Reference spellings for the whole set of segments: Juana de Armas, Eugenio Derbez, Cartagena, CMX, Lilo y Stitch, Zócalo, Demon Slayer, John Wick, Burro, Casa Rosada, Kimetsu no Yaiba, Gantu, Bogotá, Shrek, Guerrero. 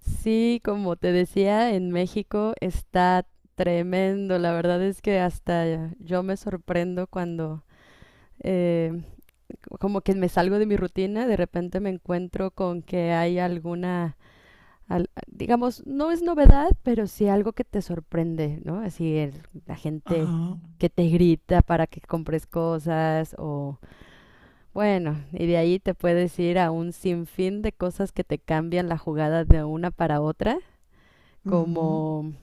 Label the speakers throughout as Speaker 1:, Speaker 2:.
Speaker 1: Sí, como te decía, en México está tremendo. La verdad es que hasta yo me sorprendo cuando eh, como que me salgo de mi rutina, de repente me encuentro con que hay alguna, digamos, no es novedad, pero sí algo que te sorprende, ¿no? Así la gente
Speaker 2: Ajá,
Speaker 1: que te grita para que compres cosas o bueno, y de ahí te puedes ir a un sinfín de cosas que te cambian la jugada de una para otra
Speaker 2: ujú,
Speaker 1: como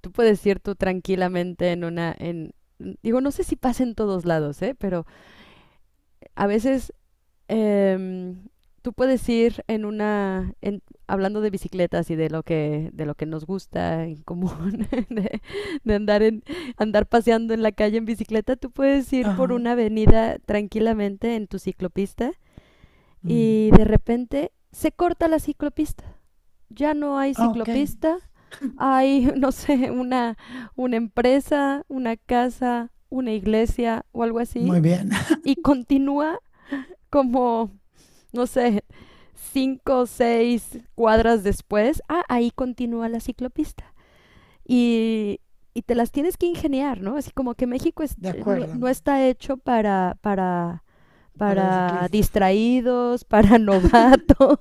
Speaker 1: tú puedes ir tú tranquilamente en una, digo, no sé si pasa en todos lados, ¿eh? Pero a veces em, tú puedes ir en una, hablando de bicicletas y de lo que nos gusta en común, de andar paseando en la calle en bicicleta, tú puedes ir por
Speaker 2: ajá.
Speaker 1: una avenida tranquilamente en tu ciclopista y
Speaker 2: Mm.
Speaker 1: de repente se corta la ciclopista. Ya no hay
Speaker 2: Ah, ok,
Speaker 1: ciclopista, hay, no sé, una empresa, una casa, una iglesia o algo así,
Speaker 2: muy bien,
Speaker 1: y continúa como, no sé, 5 o 6 cuadras después. Ah, ahí continúa la ciclopista. Y, y te las tienes que ingeniar, ¿no? Así como que México es,
Speaker 2: de acuerdo,
Speaker 1: no está hecho para,
Speaker 2: para los ciclistas.
Speaker 1: distraídos, para novatos.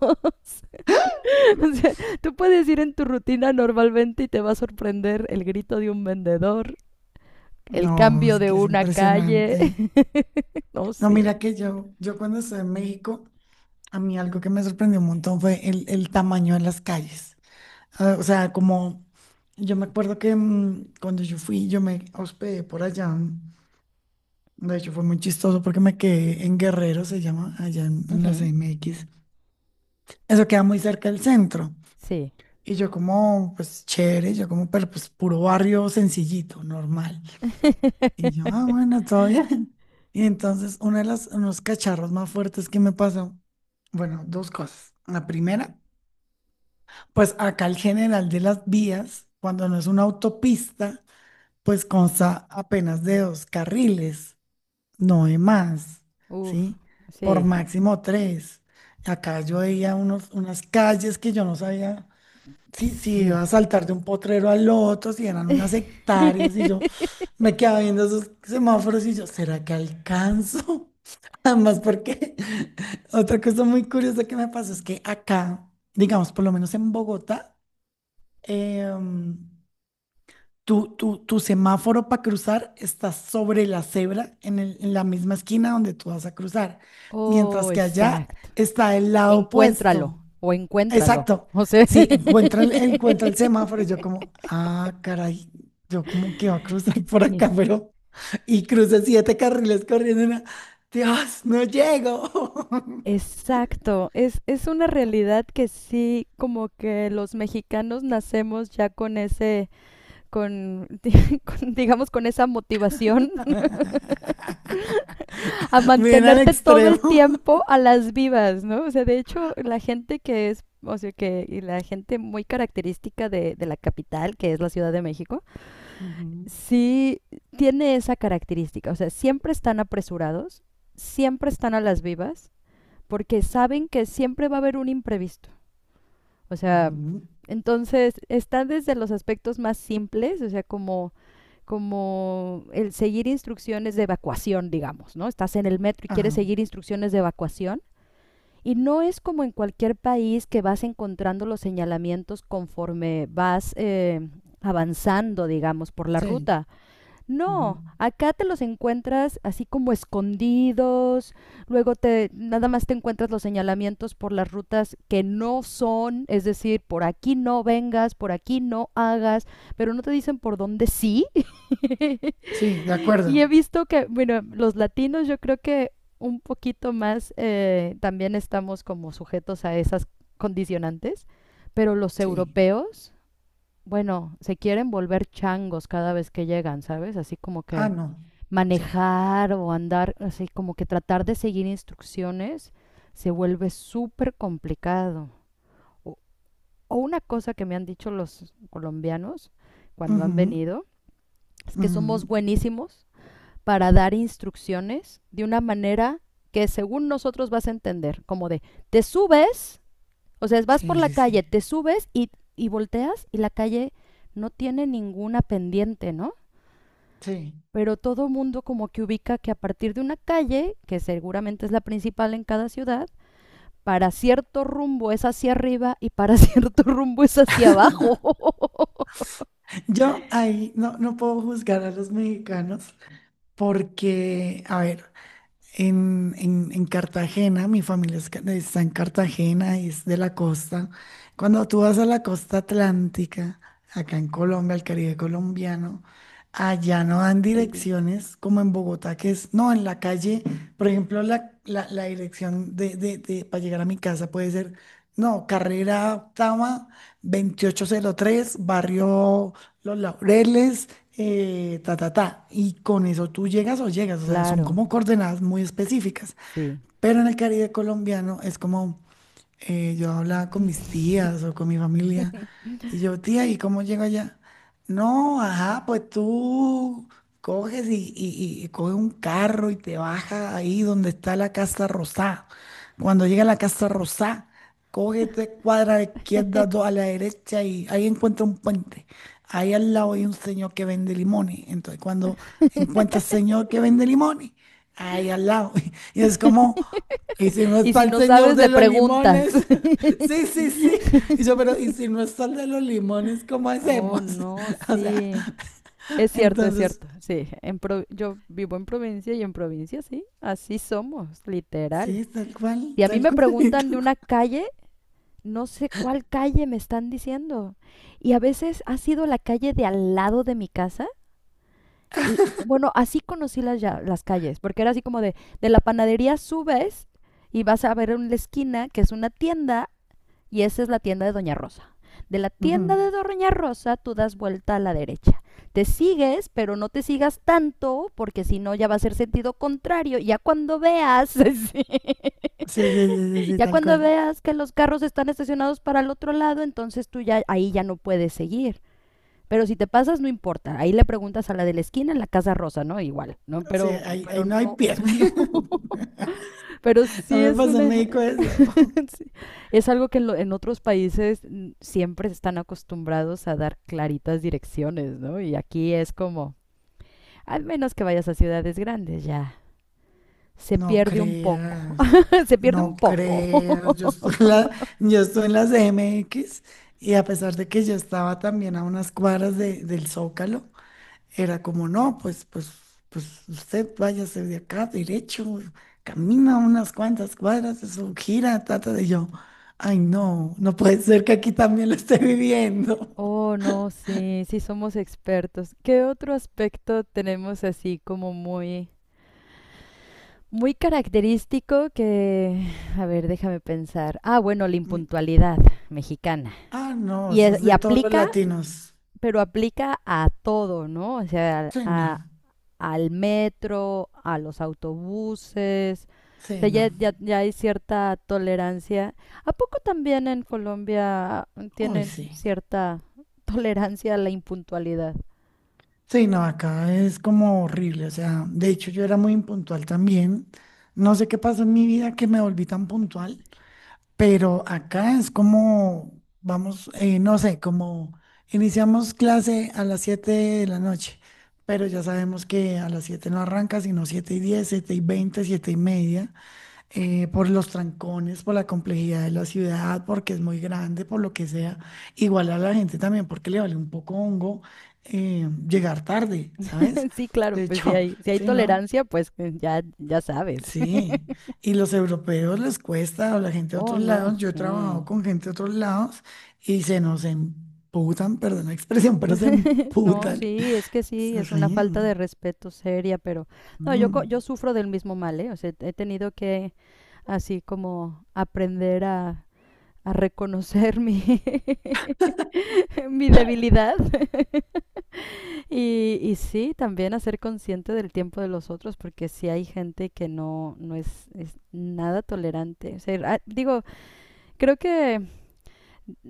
Speaker 1: O sea, tú puedes ir en tu rutina normalmente y te va a sorprender el grito de un vendedor, el
Speaker 2: No,
Speaker 1: cambio
Speaker 2: es
Speaker 1: de
Speaker 2: que es
Speaker 1: una calle.
Speaker 2: impresionante.
Speaker 1: No,
Speaker 2: No,
Speaker 1: sí.
Speaker 2: mira que yo, cuando estuve en México, a mí algo que me sorprendió un montón fue el tamaño de las calles. Ah, o sea, como yo me acuerdo que cuando yo fui, yo me hospedé por allá. De hecho, fue muy chistoso porque me quedé en Guerrero, se llama, allá en la
Speaker 1: Ujú.
Speaker 2: CMX. Eso queda muy cerca del centro.
Speaker 1: Sí.
Speaker 2: Y yo como, pues chévere, yo como, pero pues puro barrio sencillito, normal. Y yo, ah, bueno, todo bien. Y entonces uno de los, unos cacharros más fuertes que me pasó, bueno, dos cosas. La primera, pues acá el general de las vías, cuando no es una autopista, pues consta apenas de dos carriles, no de más,
Speaker 1: Uf,
Speaker 2: ¿sí? Por
Speaker 1: sí.
Speaker 2: máximo tres. Acá yo veía unos, unas calles que yo no sabía sí, sí,
Speaker 1: Sí.
Speaker 2: iba a saltar de un potrero al otro, si eran unas hectáreas, y yo me quedaba viendo esos semáforos y yo, ¿será que alcanzo? Además, porque otra cosa muy curiosa que me pasó es que acá, digamos, por lo menos en Bogotá, em, tu semáforo para cruzar está sobre la cebra, en, el- en la misma esquina donde tú vas a cruzar,
Speaker 1: Oh,
Speaker 2: mientras que allá
Speaker 1: exacto.
Speaker 2: está el lado
Speaker 1: Encuéntralo
Speaker 2: opuesto.
Speaker 1: o encuéntralo.
Speaker 2: Exacto.
Speaker 1: O sea.
Speaker 2: Sí, encuentra el semáforo. Y yo como, ah, caray, yo como que va a cruzar por
Speaker 1: Sí.
Speaker 2: acá, pero... Y cruza siete carriles corriendo. Y una, Dios, no llego.
Speaker 1: Exacto, es una realidad que sí, como que los mexicanos nacemos ya con ese, con, digamos, con esa motivación a
Speaker 2: Bien al
Speaker 1: mantenerte todo
Speaker 2: extremo.
Speaker 1: el tiempo a las vivas, ¿no? O sea, de hecho, la gente que es, o sea, y la gente muy característica de la capital, que es la Ciudad de México,
Speaker 2: Ujú,
Speaker 1: sí tiene esa característica. O sea, siempre están apresurados, siempre están a las vivas, porque saben que siempre va a haber un imprevisto. O sea,
Speaker 2: ujú,
Speaker 1: entonces está desde los aspectos más simples, o sea, como el seguir instrucciones de evacuación, digamos, ¿no? Estás en el metro y quieres
Speaker 2: ajá.
Speaker 1: seguir instrucciones de evacuación. Y no es como en cualquier país que vas encontrando los señalamientos conforme vas avanzando, digamos, por la
Speaker 2: Sí.
Speaker 1: ruta.
Speaker 2: Ujú.
Speaker 1: No, acá te los encuentras así como escondidos, luego te nada más te encuentras los señalamientos por las rutas que no son, es decir, por aquí no vengas, por aquí no hagas, pero no te dicen por dónde sí.
Speaker 2: Sí, de
Speaker 1: Y he
Speaker 2: acuerdo.
Speaker 1: visto que, bueno, los latinos yo creo que un poquito más también estamos como sujetos a esas condicionantes, pero los
Speaker 2: Sí.
Speaker 1: europeos, bueno, se quieren volver changos cada vez que llegan, ¿sabes? Así como
Speaker 2: Ah,
Speaker 1: que
Speaker 2: no. Sí.
Speaker 1: manejar o andar, así como que tratar de seguir instrucciones se vuelve súper complicado. O, o una cosa que me han dicho los colombianos cuando han
Speaker 2: Ujú,
Speaker 1: venido es que somos
Speaker 2: ujú.
Speaker 1: buenísimos para dar instrucciones de una manera que según nosotros vas a entender, como de te subes, o sea, vas por
Speaker 2: Sí,
Speaker 1: la
Speaker 2: sí,
Speaker 1: calle,
Speaker 2: sí.
Speaker 1: te subes y volteas y la calle no tiene ninguna pendiente, ¿no?
Speaker 2: Sí.
Speaker 1: Pero todo mundo como que ubica que a partir de una calle, que seguramente es la principal en cada ciudad, para cierto rumbo es hacia arriba y para cierto rumbo es hacia abajo.
Speaker 2: Yo ahí no, no puedo juzgar a los mexicanos. Porque, a ver, en Cartagena, mi familia es ca- está en Cartagena, es de la costa. Cuando tú vas a la costa atlántica, acá en Colombia, al Caribe colombiano, allá no dan
Speaker 1: Qué lindo.
Speaker 2: direcciones como en Bogotá, que es, no, en la calle, por ejemplo, la- la dirección de- para llegar a mi casa puede ser, no, carrera octava, 2803, barrio los laureles, ta, ta, ta. Y con eso tú llegas o llegas, o sea, son
Speaker 1: Claro,
Speaker 2: como coordenadas muy específicas.
Speaker 1: sí.
Speaker 2: Pero en el Caribe colombiano es como, yo hablaba con mis tías o con mi familia, y yo, tía, ¿y cómo llego allá? No, ajá, pues tú coges y- coges un carro y te bajas ahí donde está la Casa Rosada. Cuando llega a la Casa Rosada, coge tres cuadras a la izquierda, dos a la derecha y ahí encuentra un puente. Ahí al lado hay un señor que vende limones. Entonces, cuando encuentra al señor que vende limones, ahí al lado. Y es como, ¿y si no
Speaker 1: Y
Speaker 2: está
Speaker 1: si
Speaker 2: el
Speaker 1: no
Speaker 2: señor
Speaker 1: sabes, le
Speaker 2: de los
Speaker 1: preguntas.
Speaker 2: limones? Sí, sí, sí. Y yo, pero ¿y si no está el de los limones, cómo
Speaker 1: Oh,
Speaker 2: hacemos?
Speaker 1: no,
Speaker 2: O sea,
Speaker 1: sí. Es cierto, es
Speaker 2: entonces,
Speaker 1: cierto. Sí, yo vivo en provincia y en provincia, sí, así somos, literal.
Speaker 2: sí, tal cual,
Speaker 1: Y a mí
Speaker 2: tal
Speaker 1: me
Speaker 2: cual.
Speaker 1: preguntan de una calle, no sé cuál calle me están diciendo. Y a veces ha sido la calle de al lado de mi casa. Y bueno, así conocí las calles, porque era así como de, la panadería subes y vas a ver en la esquina que es una tienda y esa es la tienda de Doña Rosa. De la tienda
Speaker 2: Ujú.
Speaker 1: de Doña Rosa tú das vuelta a la derecha. Te sigues, pero no te sigas tanto, porque si no ya va a ser sentido contrario. Ya cuando veas, sí.
Speaker 2: Sí, sí, sí, sí, sí,
Speaker 1: Ya
Speaker 2: tal
Speaker 1: cuando
Speaker 2: cual.
Speaker 1: veas que los carros están estacionados para el otro lado, entonces tú ya ahí ya no puedes seguir. Pero si te pasas, no importa. Ahí le preguntas a la de la esquina, en la Casa Rosa, ¿no? Igual, ¿no?
Speaker 2: Sí, ahí, ahí
Speaker 1: Pero
Speaker 2: no hay
Speaker 1: no, o sea,
Speaker 2: pierde.
Speaker 1: no. Pero
Speaker 2: A
Speaker 1: sí
Speaker 2: mí me
Speaker 1: es
Speaker 2: pasó en
Speaker 1: una,
Speaker 2: México eso.
Speaker 1: sí, es algo que en, en otros países siempre están acostumbrados a dar claritas direcciones, ¿no? Y aquí es como, al menos que vayas a ciudades grandes, ya. Se
Speaker 2: No
Speaker 1: pierde un poco.
Speaker 2: creas,
Speaker 1: Se pierde
Speaker 2: no
Speaker 1: un poco.
Speaker 2: creas. Yo estoy en la, yo estoy en la CMX y a pesar de que yo estaba también a unas cuadras de- del Zócalo, era como, no, pues, pues, pues usted váyase de acá derecho, camina unas cuantas cuadras, eso gira, trata de yo. Ay, no, no puede ser que aquí también lo esté viviendo.
Speaker 1: Oh, no, sí, sí somos expertos. ¿Qué otro aspecto tenemos así como muy, muy característico que, a ver, déjame pensar. Ah, bueno, la impuntualidad mexicana.
Speaker 2: Ah, no, eso es
Speaker 1: Y
Speaker 2: de todos los
Speaker 1: aplica,
Speaker 2: latinos.
Speaker 1: pero aplica a todo, ¿no? O sea,
Speaker 2: Sí, no,
Speaker 1: al metro, a los autobuses. O
Speaker 2: sí,
Speaker 1: sea,
Speaker 2: no.
Speaker 1: ya hay cierta tolerancia. ¿A poco también en Colombia
Speaker 2: Uy,
Speaker 1: tienen
Speaker 2: sí.
Speaker 1: cierta tolerancia a la impuntualidad?
Speaker 2: Sí, no, acá es como horrible. O sea, de hecho yo era muy impuntual también. No sé qué pasó en mi vida que me volví tan puntual, pero acá es como, vamos, no sé, como iniciamos clase a las 7 de la noche, pero ya sabemos que a las 7 no arranca, sino 7 y 10, 7 y 20, 7 y media. Por los trancones, por la complejidad de la ciudad, porque es muy grande, por lo que sea. Igual a la gente también, porque le vale un poco hongo llegar tarde, ¿sabes?
Speaker 1: Sí, claro,
Speaker 2: De
Speaker 1: pues
Speaker 2: hecho,
Speaker 1: si hay
Speaker 2: sí, ¿no?
Speaker 1: tolerancia, pues ya sabes.
Speaker 2: Sí. Y los europeos les cuesta, o la gente de
Speaker 1: Oh,
Speaker 2: otros
Speaker 1: no,
Speaker 2: lados. Yo he trabajado
Speaker 1: sí.
Speaker 2: con gente de otros lados y se nos emputan, perdón la expresión, pero se
Speaker 1: No,
Speaker 2: emputan.
Speaker 1: sí, es que sí, es una
Speaker 2: Sí.
Speaker 1: falta de respeto seria, pero no, yo,
Speaker 2: Mm,
Speaker 1: yo sufro del mismo mal, ¿eh? O sea, he tenido que así como aprender a reconocer mi debilidad. Y, y sí, también a ser consciente del tiempo de los otros, porque sí hay gente que no, no es, nada tolerante. O sea, ah, digo, creo que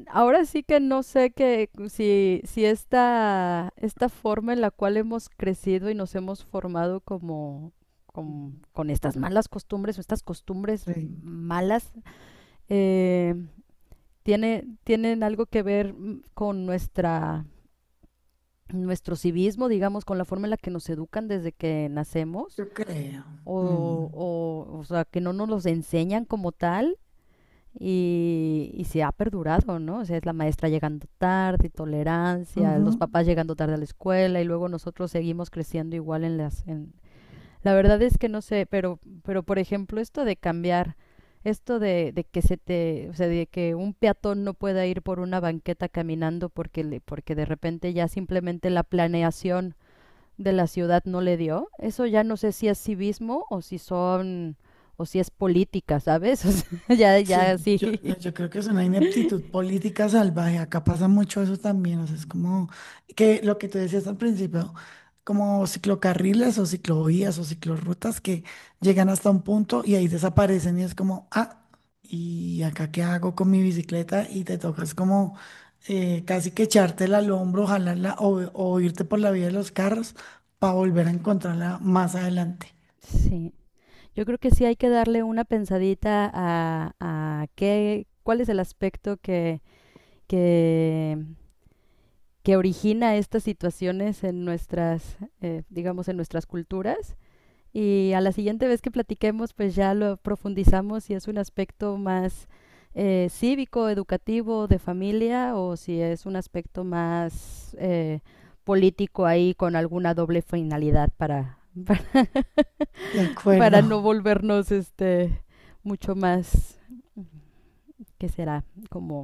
Speaker 1: ahora sí que no sé que si esta forma en la cual hemos crecido y nos hemos formado como, con estas malas costumbres o estas costumbres
Speaker 2: sí,
Speaker 1: malas eh, tienen algo que ver con nuestro civismo, digamos, con la forma en la que nos educan desde que nacemos.
Speaker 2: yo creo. Mm,
Speaker 1: O sea, que no nos los enseñan como tal. Y se ha perdurado, ¿no? O sea, es la maestra llegando tarde, tolerancia, los
Speaker 2: ujú.
Speaker 1: papás llegando tarde a la escuela y luego nosotros seguimos creciendo igual en las... En... La verdad es que no sé, pero por ejemplo, esto de cambiar, esto de que se te, o sea, de que un peatón no pueda ir por una banqueta caminando porque, porque de repente ya simplemente la planeación de la ciudad no le dio, eso ya no sé si es civismo o si son, o si es política, ¿sabes? O sea, ya, ya
Speaker 2: Sí,
Speaker 1: sí.
Speaker 2: yo creo que es una ineptitud política salvaje. Acá pasa mucho eso también. O sea, es como que lo que tú decías al principio, como ciclocarriles o ciclovías o ciclorrutas que llegan hasta un punto y ahí desaparecen y es como, ah, ¿y acá qué hago con mi bicicleta? Y te tocas como casi que echártela al hombro, jalarla o irte por la vía de los carros para volver a encontrarla más adelante.
Speaker 1: Sí, yo creo que sí hay que darle una pensadita cuál es el aspecto que, que origina estas situaciones en digamos, en nuestras culturas. Y a la siguiente vez que platiquemos, pues ya lo profundizamos si es un aspecto más cívico, educativo, de familia, o si es un aspecto más político ahí con alguna doble finalidad para, para
Speaker 2: De acuerdo.
Speaker 1: para no volvernos este mucho más que será como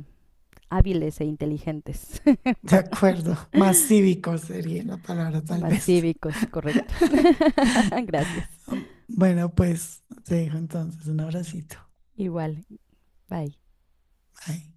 Speaker 1: hábiles e inteligentes,
Speaker 2: De
Speaker 1: para-
Speaker 2: acuerdo, más cívico sería la palabra tal
Speaker 1: más
Speaker 2: vez.
Speaker 1: cívicos, correcto. Gracias.
Speaker 2: Bueno, pues te dejo entonces un abracito.
Speaker 1: Igual, bye.
Speaker 2: Bye.